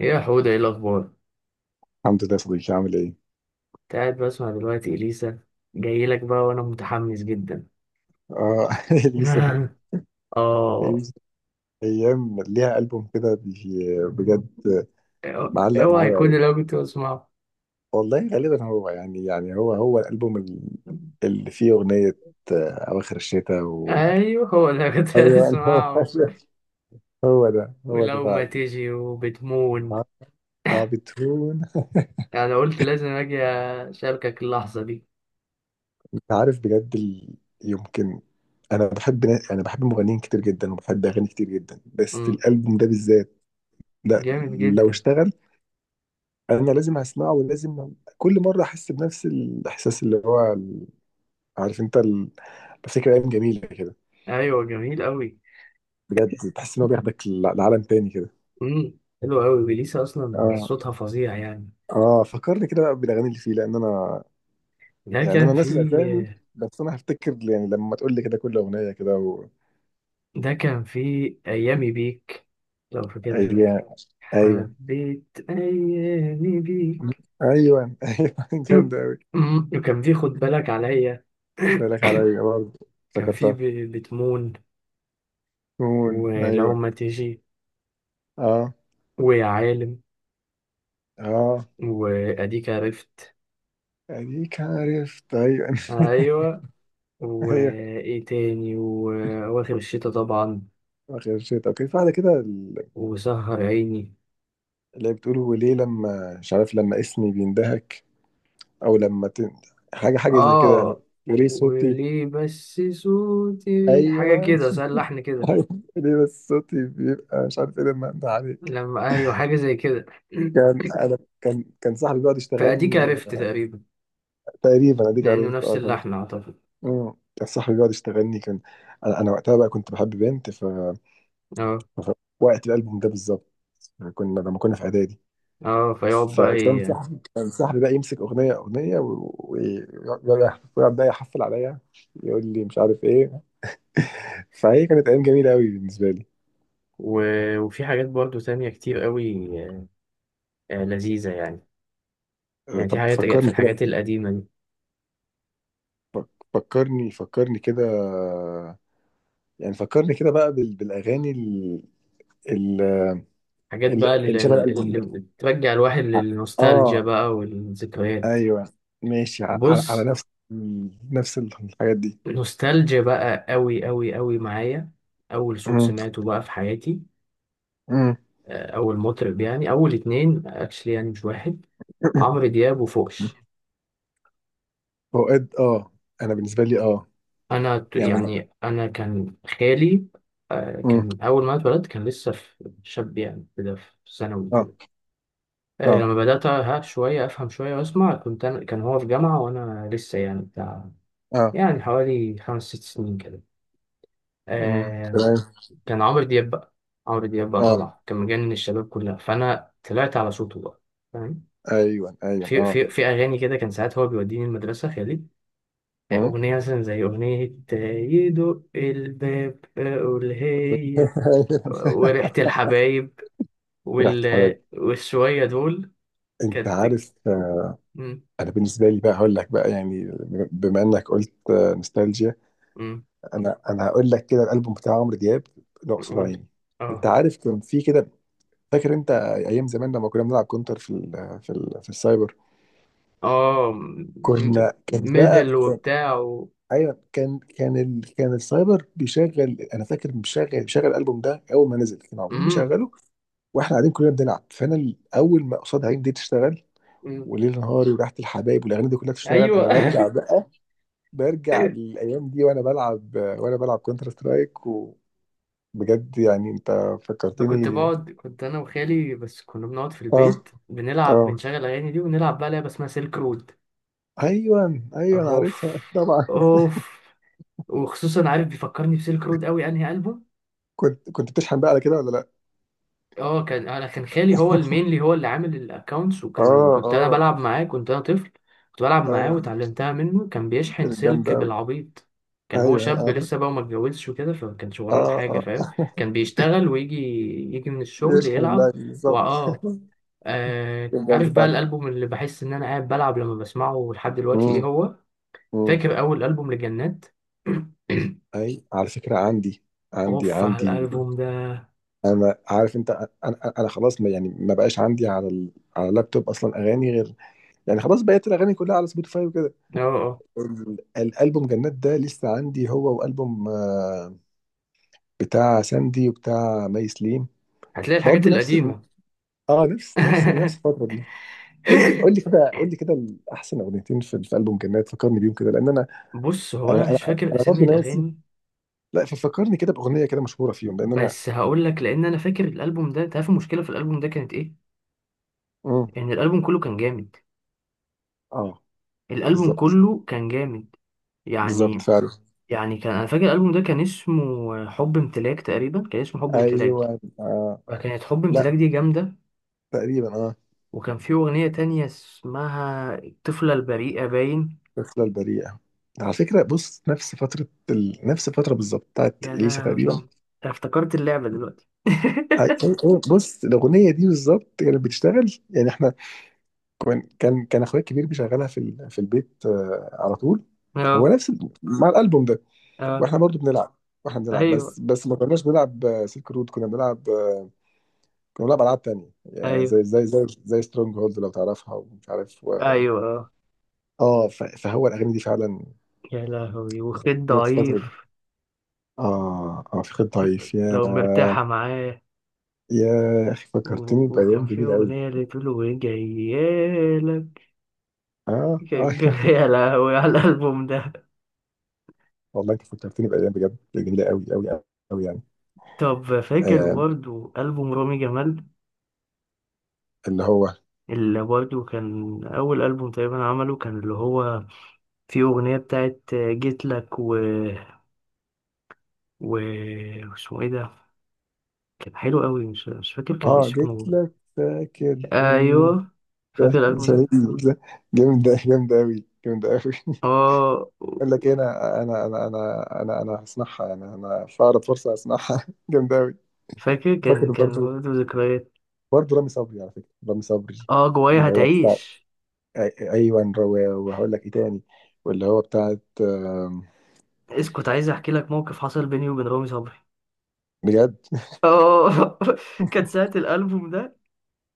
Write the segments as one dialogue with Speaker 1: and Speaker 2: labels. Speaker 1: ايه يا حودة، ايه الأخبار؟
Speaker 2: الحمد لله يا صديقي، عامل ايه؟
Speaker 1: كنت قاعد بسمع دلوقتي إليسا، جاي لك بقى وأنا متحمس جدا.
Speaker 2: اه اليسا
Speaker 1: آه.
Speaker 2: اليسا، ايام ليها البوم كده بجد. معلق
Speaker 1: اوعى
Speaker 2: معايا
Speaker 1: يكون
Speaker 2: قوي.
Speaker 1: اللي أنا كنت بسمعه.
Speaker 2: والله غالبا هو يعني هو الالبوم اللي فيه اغنيه، اواخر الشتاء
Speaker 1: أيوه، هو اللي أنا كنت
Speaker 2: ايوه
Speaker 1: بسمعه،
Speaker 2: هو ده
Speaker 1: ولو ما
Speaker 2: فعلا.
Speaker 1: تيجي وبتمون.
Speaker 2: اه بتهون.
Speaker 1: أنا قلت لازم أجي أشاركك اللحظة دي.
Speaker 2: انت عارف بجد يمكن. انا بحب انا بحب مغنيين كتير جدا، وبحب اغاني كتير جدا، بس
Speaker 1: مم.
Speaker 2: الالبوم ده بالذات. لا،
Speaker 1: جامد
Speaker 2: لو
Speaker 1: جدا.
Speaker 2: اشتغل، انا لازم اسمعه، ولازم كل مره احس بنفس الاحساس اللي هو عارف انت بفتكر ايام جميله كده.
Speaker 1: أيوه، جميل أوي.
Speaker 2: بجد تحس ان هو بياخدك لعالم تاني كده.
Speaker 1: مم. حلو أوي، إليسا أصلا
Speaker 2: اه
Speaker 1: صوتها فظيع يعني.
Speaker 2: اه، فكرني كده بقى بالاغاني اللي فيه، لان انا
Speaker 1: ده
Speaker 2: يعني انا
Speaker 1: كان في
Speaker 2: ناسي الاسامي، بس انا هفتكر يعني لما تقول لي كده كل اغنيه كده
Speaker 1: ده كان في أيامي بيك، لو فاكرها.
Speaker 2: ايوه ايوه
Speaker 1: حبيت أيامي بيك.
Speaker 2: ايوه ايوه جامده قوي.
Speaker 1: وكان في خد بالك عليا.
Speaker 2: بالك عليا برضه،
Speaker 1: كان في
Speaker 2: افتكرتها.
Speaker 1: بتمون،
Speaker 2: مون،
Speaker 1: ولو
Speaker 2: ايوه.
Speaker 1: ما تيجي،
Speaker 2: اه
Speaker 1: ويا عالم،
Speaker 2: اه،
Speaker 1: وأديك عرفت.
Speaker 2: اديك عرفت، ايوه
Speaker 1: أيوة.
Speaker 2: ايوه.
Speaker 1: وإيه تاني؟ وأواخر الشتا طبعا.
Speaker 2: آخر شيء، طب في واحدة كده
Speaker 1: وسهر عيني.
Speaker 2: اللي هي بتقول وليه لما مش عارف لما اسمي بيندهك، أو لما حاجة حاجة زي كده.
Speaker 1: آه،
Speaker 2: وليه صوتي.
Speaker 1: وليه بس صوتي
Speaker 2: أيوه
Speaker 1: حاجة كده، سأل لحن كده.
Speaker 2: أيوه. ليه بس صوتي بيبقى مش عارف إيه لما أنده عليك.
Speaker 1: لما أيوة، حاجة زي كده.
Speaker 2: كان أنا كان كان صاحبي بيقعد
Speaker 1: فأديك
Speaker 2: يشتغلني
Speaker 1: عرفت تقريبا،
Speaker 2: تقريبا أديك
Speaker 1: لأنه
Speaker 2: عرفت،
Speaker 1: نفس
Speaker 2: كان.
Speaker 1: اللحن أعتقد.
Speaker 2: مم. كان صاحبي بيقعد يشتغلني، كان أنا وقتها بقى كنت بحب بنت
Speaker 1: اه
Speaker 2: ف... وقت الألبوم ده بالظبط، لما كنا في إعدادي،
Speaker 1: اه، فيقعد بقى
Speaker 2: فكان صاحبي كان صاحبي بقى يمسك اغنيه اغنيه، ويقعد بقى يحفل عليا، يقول لي مش عارف ايه. فهي كانت ايام جميله قوي بالنسبه لي.
Speaker 1: و... وفي حاجات برضو تانية كتير قوي، آه، لذيذة يعني. يعني في
Speaker 2: طب
Speaker 1: حاجات، في
Speaker 2: فكرني
Speaker 1: الحاجات
Speaker 2: كده.
Speaker 1: القديمة دي،
Speaker 2: فكرني كده، يعني فكرني كده بقى بالاغاني ال-
Speaker 1: حاجات بقى
Speaker 2: ال- اللي شبه الالبوم
Speaker 1: اللي
Speaker 2: ده.
Speaker 1: بترجع الواحد للنوستالجيا
Speaker 2: اه،
Speaker 1: بقى والذكريات.
Speaker 2: ايوه، ماشي على
Speaker 1: بص،
Speaker 2: نفس. نفس الحاجات دي.
Speaker 1: نوستالجيا بقى قوي قوي قوي معايا. أول صوت
Speaker 2: مم.
Speaker 1: سمعته بقى في حياتي،
Speaker 2: مم.
Speaker 1: أول مطرب يعني، أول اتنين اكشلي يعني، مش واحد: عمرو دياب وفوكش.
Speaker 2: اوقات اه. انا بالنسبه لي اه. يعني أنا.
Speaker 1: يعني انا كان خالي،
Speaker 2: مم.
Speaker 1: كان اول ما اتولدت كان لسه شاب يعني، كده في ثانوي كده.
Speaker 2: اه اه
Speaker 1: لما بدات ها شويه افهم شويه واسمع، كنت أنا، كان هو في جامعه وانا لسه يعني بتاع،
Speaker 2: اه،
Speaker 1: يعني حوالي 5 6 سنين كده. آه،
Speaker 2: تمام.
Speaker 1: كان عمرو دياب بقى، عمرو دياب بقى
Speaker 2: اه،
Speaker 1: طبعا كان مجنن الشباب كلها، فانا طلعت على صوته بقى، فاهم.
Speaker 2: ايوه ايوه اه.
Speaker 1: في اغاني كده، كان ساعات هو بيوديني المدرسه خالي،
Speaker 2: امم.
Speaker 1: أغنية مثلا زي أغنية، آه، يدق الباب أقول هي،
Speaker 2: ايوه.
Speaker 1: وريحة الحبايب
Speaker 2: ريحة الحلاوه
Speaker 1: وال... والشوية دول
Speaker 2: انت
Speaker 1: كانت.
Speaker 2: عارف،
Speaker 1: مم.
Speaker 2: انا بالنسبه لي بقى هقول لك بقى، يعني بما انك قلت نوستالجيا.
Speaker 1: مم.
Speaker 2: انا هقول لك كده الالبوم بتاع عمرو دياب، اقصد
Speaker 1: قولي.
Speaker 2: عيني. انت
Speaker 1: اه
Speaker 2: عارف كان في كده، فاكر انت ايام زمان لما كنا بنلعب كونتر في ال في ال في السايبر.
Speaker 1: اه،
Speaker 2: كنا، كان بقى،
Speaker 1: ميدل
Speaker 2: كان.
Speaker 1: وبتاع
Speaker 2: ايوه، كان كان ال كان السايبر بيشغل. انا فاكر بيشغل الالبوم ده اول ما نزل، كان المفروض
Speaker 1: مم.
Speaker 2: بيشغله واحنا قاعدين كلنا بنلعب. فانا اول ما قصاد عيني دي تشتغل،
Speaker 1: مم.
Speaker 2: وليل نهاري، وريحه الحبايب، والاغاني دي كلها تشتغل،
Speaker 1: ايوه.
Speaker 2: انا برجع بقى، برجع للايام دي وانا بلعب كونتر سترايك. وبجد يعني انت
Speaker 1: انا كنت
Speaker 2: فكرتني.
Speaker 1: بقعد، كنت انا وخالي بس كنا بنقعد في
Speaker 2: اه
Speaker 1: البيت
Speaker 2: اه،
Speaker 1: بنلعب، بنشغل الاغاني دي ونلعب بقى لعبه اسمها سيلك رود.
Speaker 2: ايوه ايوه، انا
Speaker 1: اوف،
Speaker 2: عارفها طبعا.
Speaker 1: اوف، وخصوصا عارف بيفكرني بسيلك رود قوي انهي البوم.
Speaker 2: كنت بتشحن بقى على كده ولا لا؟
Speaker 1: اه، كان انا كان خالي هو المينلي، هو اللي عامل الاكونتس، وكان
Speaker 2: اه
Speaker 1: كنت انا
Speaker 2: اه،
Speaker 1: بلعب معاه، كنت انا طفل، كنت بلعب معاه
Speaker 2: ايوه،
Speaker 1: وتعلمتها منه. كان بيشحن
Speaker 2: كانت
Speaker 1: سلك
Speaker 2: جامده قوي.
Speaker 1: بالعبيط. كان هو
Speaker 2: ايوه،
Speaker 1: شاب
Speaker 2: اه
Speaker 1: لسه بقى وما اتجوزش وكده، فما كانش وراه
Speaker 2: اه
Speaker 1: حاجه،
Speaker 2: اه،
Speaker 1: فاهم. كان بيشتغل ويجي، يجي من الشغل
Speaker 2: بيشحن
Speaker 1: يلعب.
Speaker 2: اللاعب
Speaker 1: واه،
Speaker 2: بالظبط.
Speaker 1: آه،
Speaker 2: كان جامد
Speaker 1: عارف بقى
Speaker 2: فعلا.
Speaker 1: الالبوم اللي بحس ان انا قاعد بلعب لما بسمعه لحد
Speaker 2: امم.
Speaker 1: دلوقتي ايه هو؟
Speaker 2: امم.
Speaker 1: فاكر اول البوم لجنات.
Speaker 2: اي، على فكره عندي عندي
Speaker 1: اوف
Speaker 2: عندي
Speaker 1: على الالبوم ده.
Speaker 2: انا عارف انت، انا انا أنا خلاص، ما يعني ما بقاش عندي على على اللابتوب اصلا اغاني غير، يعني خلاص بقيت الاغاني كلها على سبوتيفاي وكده.
Speaker 1: اه اه،
Speaker 2: الالبوم جنات ده لسه عندي، هو والبوم بتاع ساندي وبتاع مي سليم،
Speaker 1: هتلاقي الحاجات
Speaker 2: برضه نفس
Speaker 1: القديمه.
Speaker 2: اه، نفس الفتره دي. قول لي قول لي كده قول لي كده احسن اغنيتين في البوم جنات، فكرني بيهم كده لان انا،
Speaker 1: بص، هو انا
Speaker 2: انا انا,
Speaker 1: مش فاكر
Speaker 2: أنا
Speaker 1: اسامي
Speaker 2: برضه ناسي.
Speaker 1: الاغاني،
Speaker 2: لا، ففكرني كده باغنيه كده مشهوره فيهم، لان انا.
Speaker 1: بس هقول لك، لان انا فاكر الالبوم ده. تعرف المشكله في الالبوم ده كانت ايه؟
Speaker 2: مم.
Speaker 1: ان الالبوم كله كان جامد،
Speaker 2: اه،
Speaker 1: الالبوم
Speaker 2: بالظبط
Speaker 1: كله كان جامد
Speaker 2: بالظبط
Speaker 1: يعني.
Speaker 2: فعلا.
Speaker 1: يعني كان انا فاكر الالبوم ده كان اسمه حب امتلاك تقريبا، كان اسمه حب امتلاك.
Speaker 2: ايوه، آه.
Speaker 1: فكانت حب
Speaker 2: لا،
Speaker 1: امتلاك دي جامده.
Speaker 2: تقريبا اه.
Speaker 1: وكان في اغنيه تانية اسمها الطفله البريئه باين.
Speaker 2: الرحلة البريئة. على فكرة بص، نفس فترة نفس الفترة بالظبط بتاعت
Speaker 1: يا
Speaker 2: إليسا تقريبا.
Speaker 1: لهوي، أنا افتكرت اللعبه دلوقتي.
Speaker 2: أي... أي... بص الأغنية دي بالظبط كانت بتشتغل، يعني احنا، كان أخويا الكبير بيشغلها في في البيت على طول. هو
Speaker 1: اه
Speaker 2: نفس مع الألبوم ده،
Speaker 1: اه،
Speaker 2: واحنا برضو بنلعب، واحنا بنلعب،
Speaker 1: ايوه
Speaker 2: بس ما كناش بنلعب سلك رود، كنا بنلعب كنا بنلعب ألعاب تانية، يعني
Speaker 1: ايوه
Speaker 2: زي سترونج هولد لو تعرفها، ومش عارف
Speaker 1: ايوه اه.
Speaker 2: اه فهو الأغاني دي فعلا
Speaker 1: يا لهوي وخيط
Speaker 2: كانت فترة.
Speaker 1: ضعيف،
Speaker 2: فخر ضعيف، يا
Speaker 1: لو مرتاحة معاه،
Speaker 2: يا أخي، فكرتني
Speaker 1: وكان
Speaker 2: بأيام
Speaker 1: في
Speaker 2: جميلة أوي.
Speaker 1: أغنية اللي تقول وجايالك.
Speaker 2: آه آه
Speaker 1: يا لهوي على الألبوم ده.
Speaker 2: والله أنت فكرتني بأيام بجد جميلة أوي أوي أوي يعني.
Speaker 1: طب فاكر
Speaker 2: آه،
Speaker 1: برضو ألبوم رامي جمال،
Speaker 2: اللي هو،
Speaker 1: اللي برضو كان أول ألبوم تقريبا عمله، كان اللي هو فيه أغنية بتاعت جيت لك و... اسمه إيه ده؟ كان حلو قوي، مش فاكر كان
Speaker 2: آه جيت
Speaker 1: اسمه.
Speaker 2: لك، فاكر، إن،
Speaker 1: أيوه، فاكر الألبوم ده.
Speaker 2: جامدة جامدة جامدة أوي جامدة أوي
Speaker 1: اه
Speaker 2: أقول لك إيه، أنا هصنعها، يعني أنا في أقرب فرصة هصنعها جامدة أوي.
Speaker 1: فاكر،
Speaker 2: فاكر
Speaker 1: كان
Speaker 2: برضه،
Speaker 1: برضو ذكريات.
Speaker 2: برضه رامي صبري، على فكرة رامي صبري
Speaker 1: اه، جوايا
Speaker 2: اللي هي،
Speaker 1: هتعيش.
Speaker 2: أي- ايوه، وهقول لك ايه تاني، واللي هو بتاعت
Speaker 1: اسكت، عايز احكي لك موقف حصل بيني وبين رامي صبري.
Speaker 2: بجد
Speaker 1: اه كانت ساعة الألبوم ده.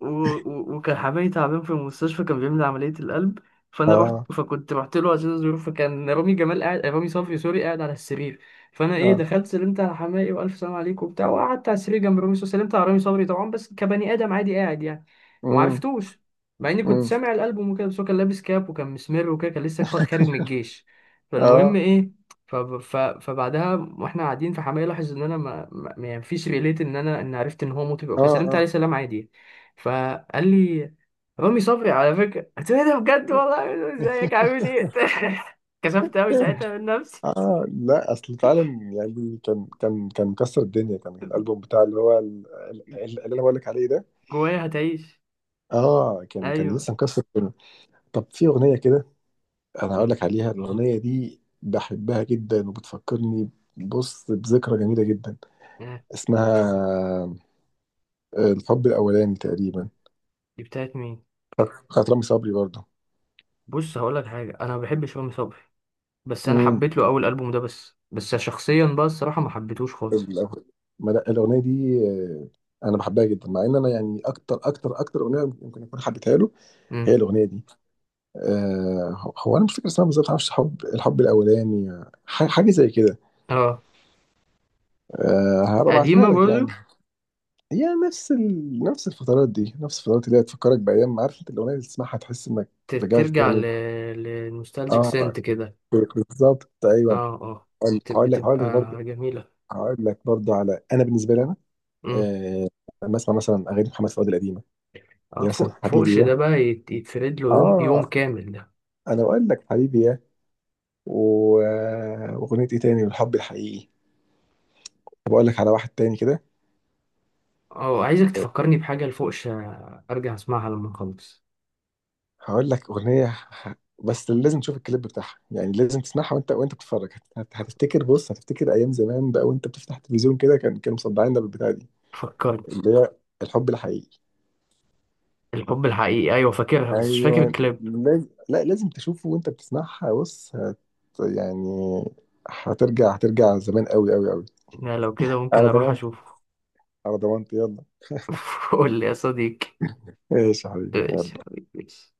Speaker 1: وكان حبايبي تعبان في المستشفى، كان بيعمل عملية القلب. فأنا رحت،
Speaker 2: اه
Speaker 1: فكنت رحت له عشان أزوره، فكان رامي جمال قاعد، رامي صبري سوري قاعد على السرير. فأنا إيه،
Speaker 2: اه،
Speaker 1: دخلت سلمت على حماقي وألف سلام عليكم وبتاع، وقعدت على السرير جنب رامي صبري، سلمت على رامي صبري طبعا بس كبني آدم عادي قاعد يعني،
Speaker 2: امم
Speaker 1: ومعرفتوش، مع إني كنت
Speaker 2: امم،
Speaker 1: سامع الألبوم وكده، بس هو كان لابس كاب وكان مسمر وكده، كان لسه خارج من الجيش. فالمهم
Speaker 2: اه
Speaker 1: إيه، فبعدها واحنا قاعدين، فحماقي لاحظ ان انا ما فيش ريليت ان انا ان عرفت ان هو مطرب او
Speaker 2: اه
Speaker 1: كده، سلمت عليه
Speaker 2: اه
Speaker 1: سلام عادي يعني. فقال لي: رامي صبري على فكرة. قلت له: ايه ده بجد والله. قال له: ازيك عامل ايه. كسفت قوي ساعتها من نفسي.
Speaker 2: اه، لا اصل فعلا. يعني كان مكسر الدنيا، كان الالبوم بتاع اللي هو اللي انا بقول لك عليه ده.
Speaker 1: جوايا هتعيش،
Speaker 2: اه كان،
Speaker 1: ايوه.
Speaker 2: لسه مكسر الدنيا. طب في اغنيه كده انا هقول
Speaker 1: أمم.
Speaker 2: لك عليها، الاغنيه دي بحبها جدا وبتفكرني. بص، بذكرى جميله جدا،
Speaker 1: آه،
Speaker 2: اسمها الحب الاولاني تقريبا،
Speaker 1: دي بتاعت مين؟
Speaker 2: بتاعت رامي صبري برضه.
Speaker 1: بص هقول لك حاجة، انا ما بحبش رامي صبري، بس انا
Speaker 2: امم.
Speaker 1: حبيت له اول ألبوم ده بس. بس شخصيا بقى الصراحة ما حبيتهوش خالص.
Speaker 2: الأغ- ما لا، الاغنيه دي انا بحبها جدا، مع ان انا يعني اكتر اكتر اكتر اغنيه يمكن اكون حبيتها له هي
Speaker 1: أمم.
Speaker 2: الاغنيه دي. هو انا مش فاكر اسمها بالظبط، معرفش، حب، الحب الاولاني، حاجه زي كده.
Speaker 1: اه،
Speaker 2: آه، هبقى ابعتها
Speaker 1: قديمة
Speaker 2: لك يعني.
Speaker 1: برضه.
Speaker 2: هي نفس نفس الفترات دي، نفس الفترات اللي هي تفكرك بايام. عارف انت الاغنيه اللي تسمعها تحس انك رجعت
Speaker 1: ترجع
Speaker 2: تاني.
Speaker 1: للنوستالجيك سنت
Speaker 2: اه
Speaker 1: كده.
Speaker 2: بالظبط، ايوه.
Speaker 1: اه اه،
Speaker 2: هقول لك
Speaker 1: بتبقى
Speaker 2: برضه،
Speaker 1: جميلة.
Speaker 2: هقول لك برضه على، انا بالنسبه لي،
Speaker 1: أمم.
Speaker 2: آه، بسمع مثلا اغاني محمد فؤاد القديمه، اللي
Speaker 1: اه
Speaker 2: هي مثلا
Speaker 1: فوق،
Speaker 2: حبيبي
Speaker 1: فوقش ده
Speaker 2: يا.
Speaker 1: بقى يتفرد له يوم يوم
Speaker 2: اه،
Speaker 1: كامل.
Speaker 2: انا بقول لك حبيبي يا، واغنيه ايه تاني، الحب الحقيقي. طب اقول لك على واحد تاني كده،
Speaker 1: اه عايزك تفكرني بحاجة لفوقش، ارجع اسمعها لما نخلص.
Speaker 2: هقول لك اغنيه، بس لازم تشوف الكليب بتاعها، يعني لازم تسمعها وانت بتتفرج. هتفتكر، بص، هتفتكر ايام زمان بقى وانت بتفتح التلفزيون كده، كانوا مصدعيننا بالبتاع دي،
Speaker 1: فكرني.
Speaker 2: اللي هي الحب الحقيقي.
Speaker 1: الحب الحقيقي؟ ايوه فاكرها، بس مش فاكر
Speaker 2: ايوه.
Speaker 1: الكليب.
Speaker 2: لا، لازم تشوفه وانت بتسمعها. بص يعني هترجع زمان قوي قوي قوي.
Speaker 1: لا لو كده ممكن
Speaker 2: على
Speaker 1: اروح
Speaker 2: ضمانتي.
Speaker 1: اشوفه.
Speaker 2: على ضمانتي، يلا.
Speaker 1: قول لي يا صديقي.
Speaker 2: ايش يا حبيبي.
Speaker 1: ماشي يا حبيبي ماشي.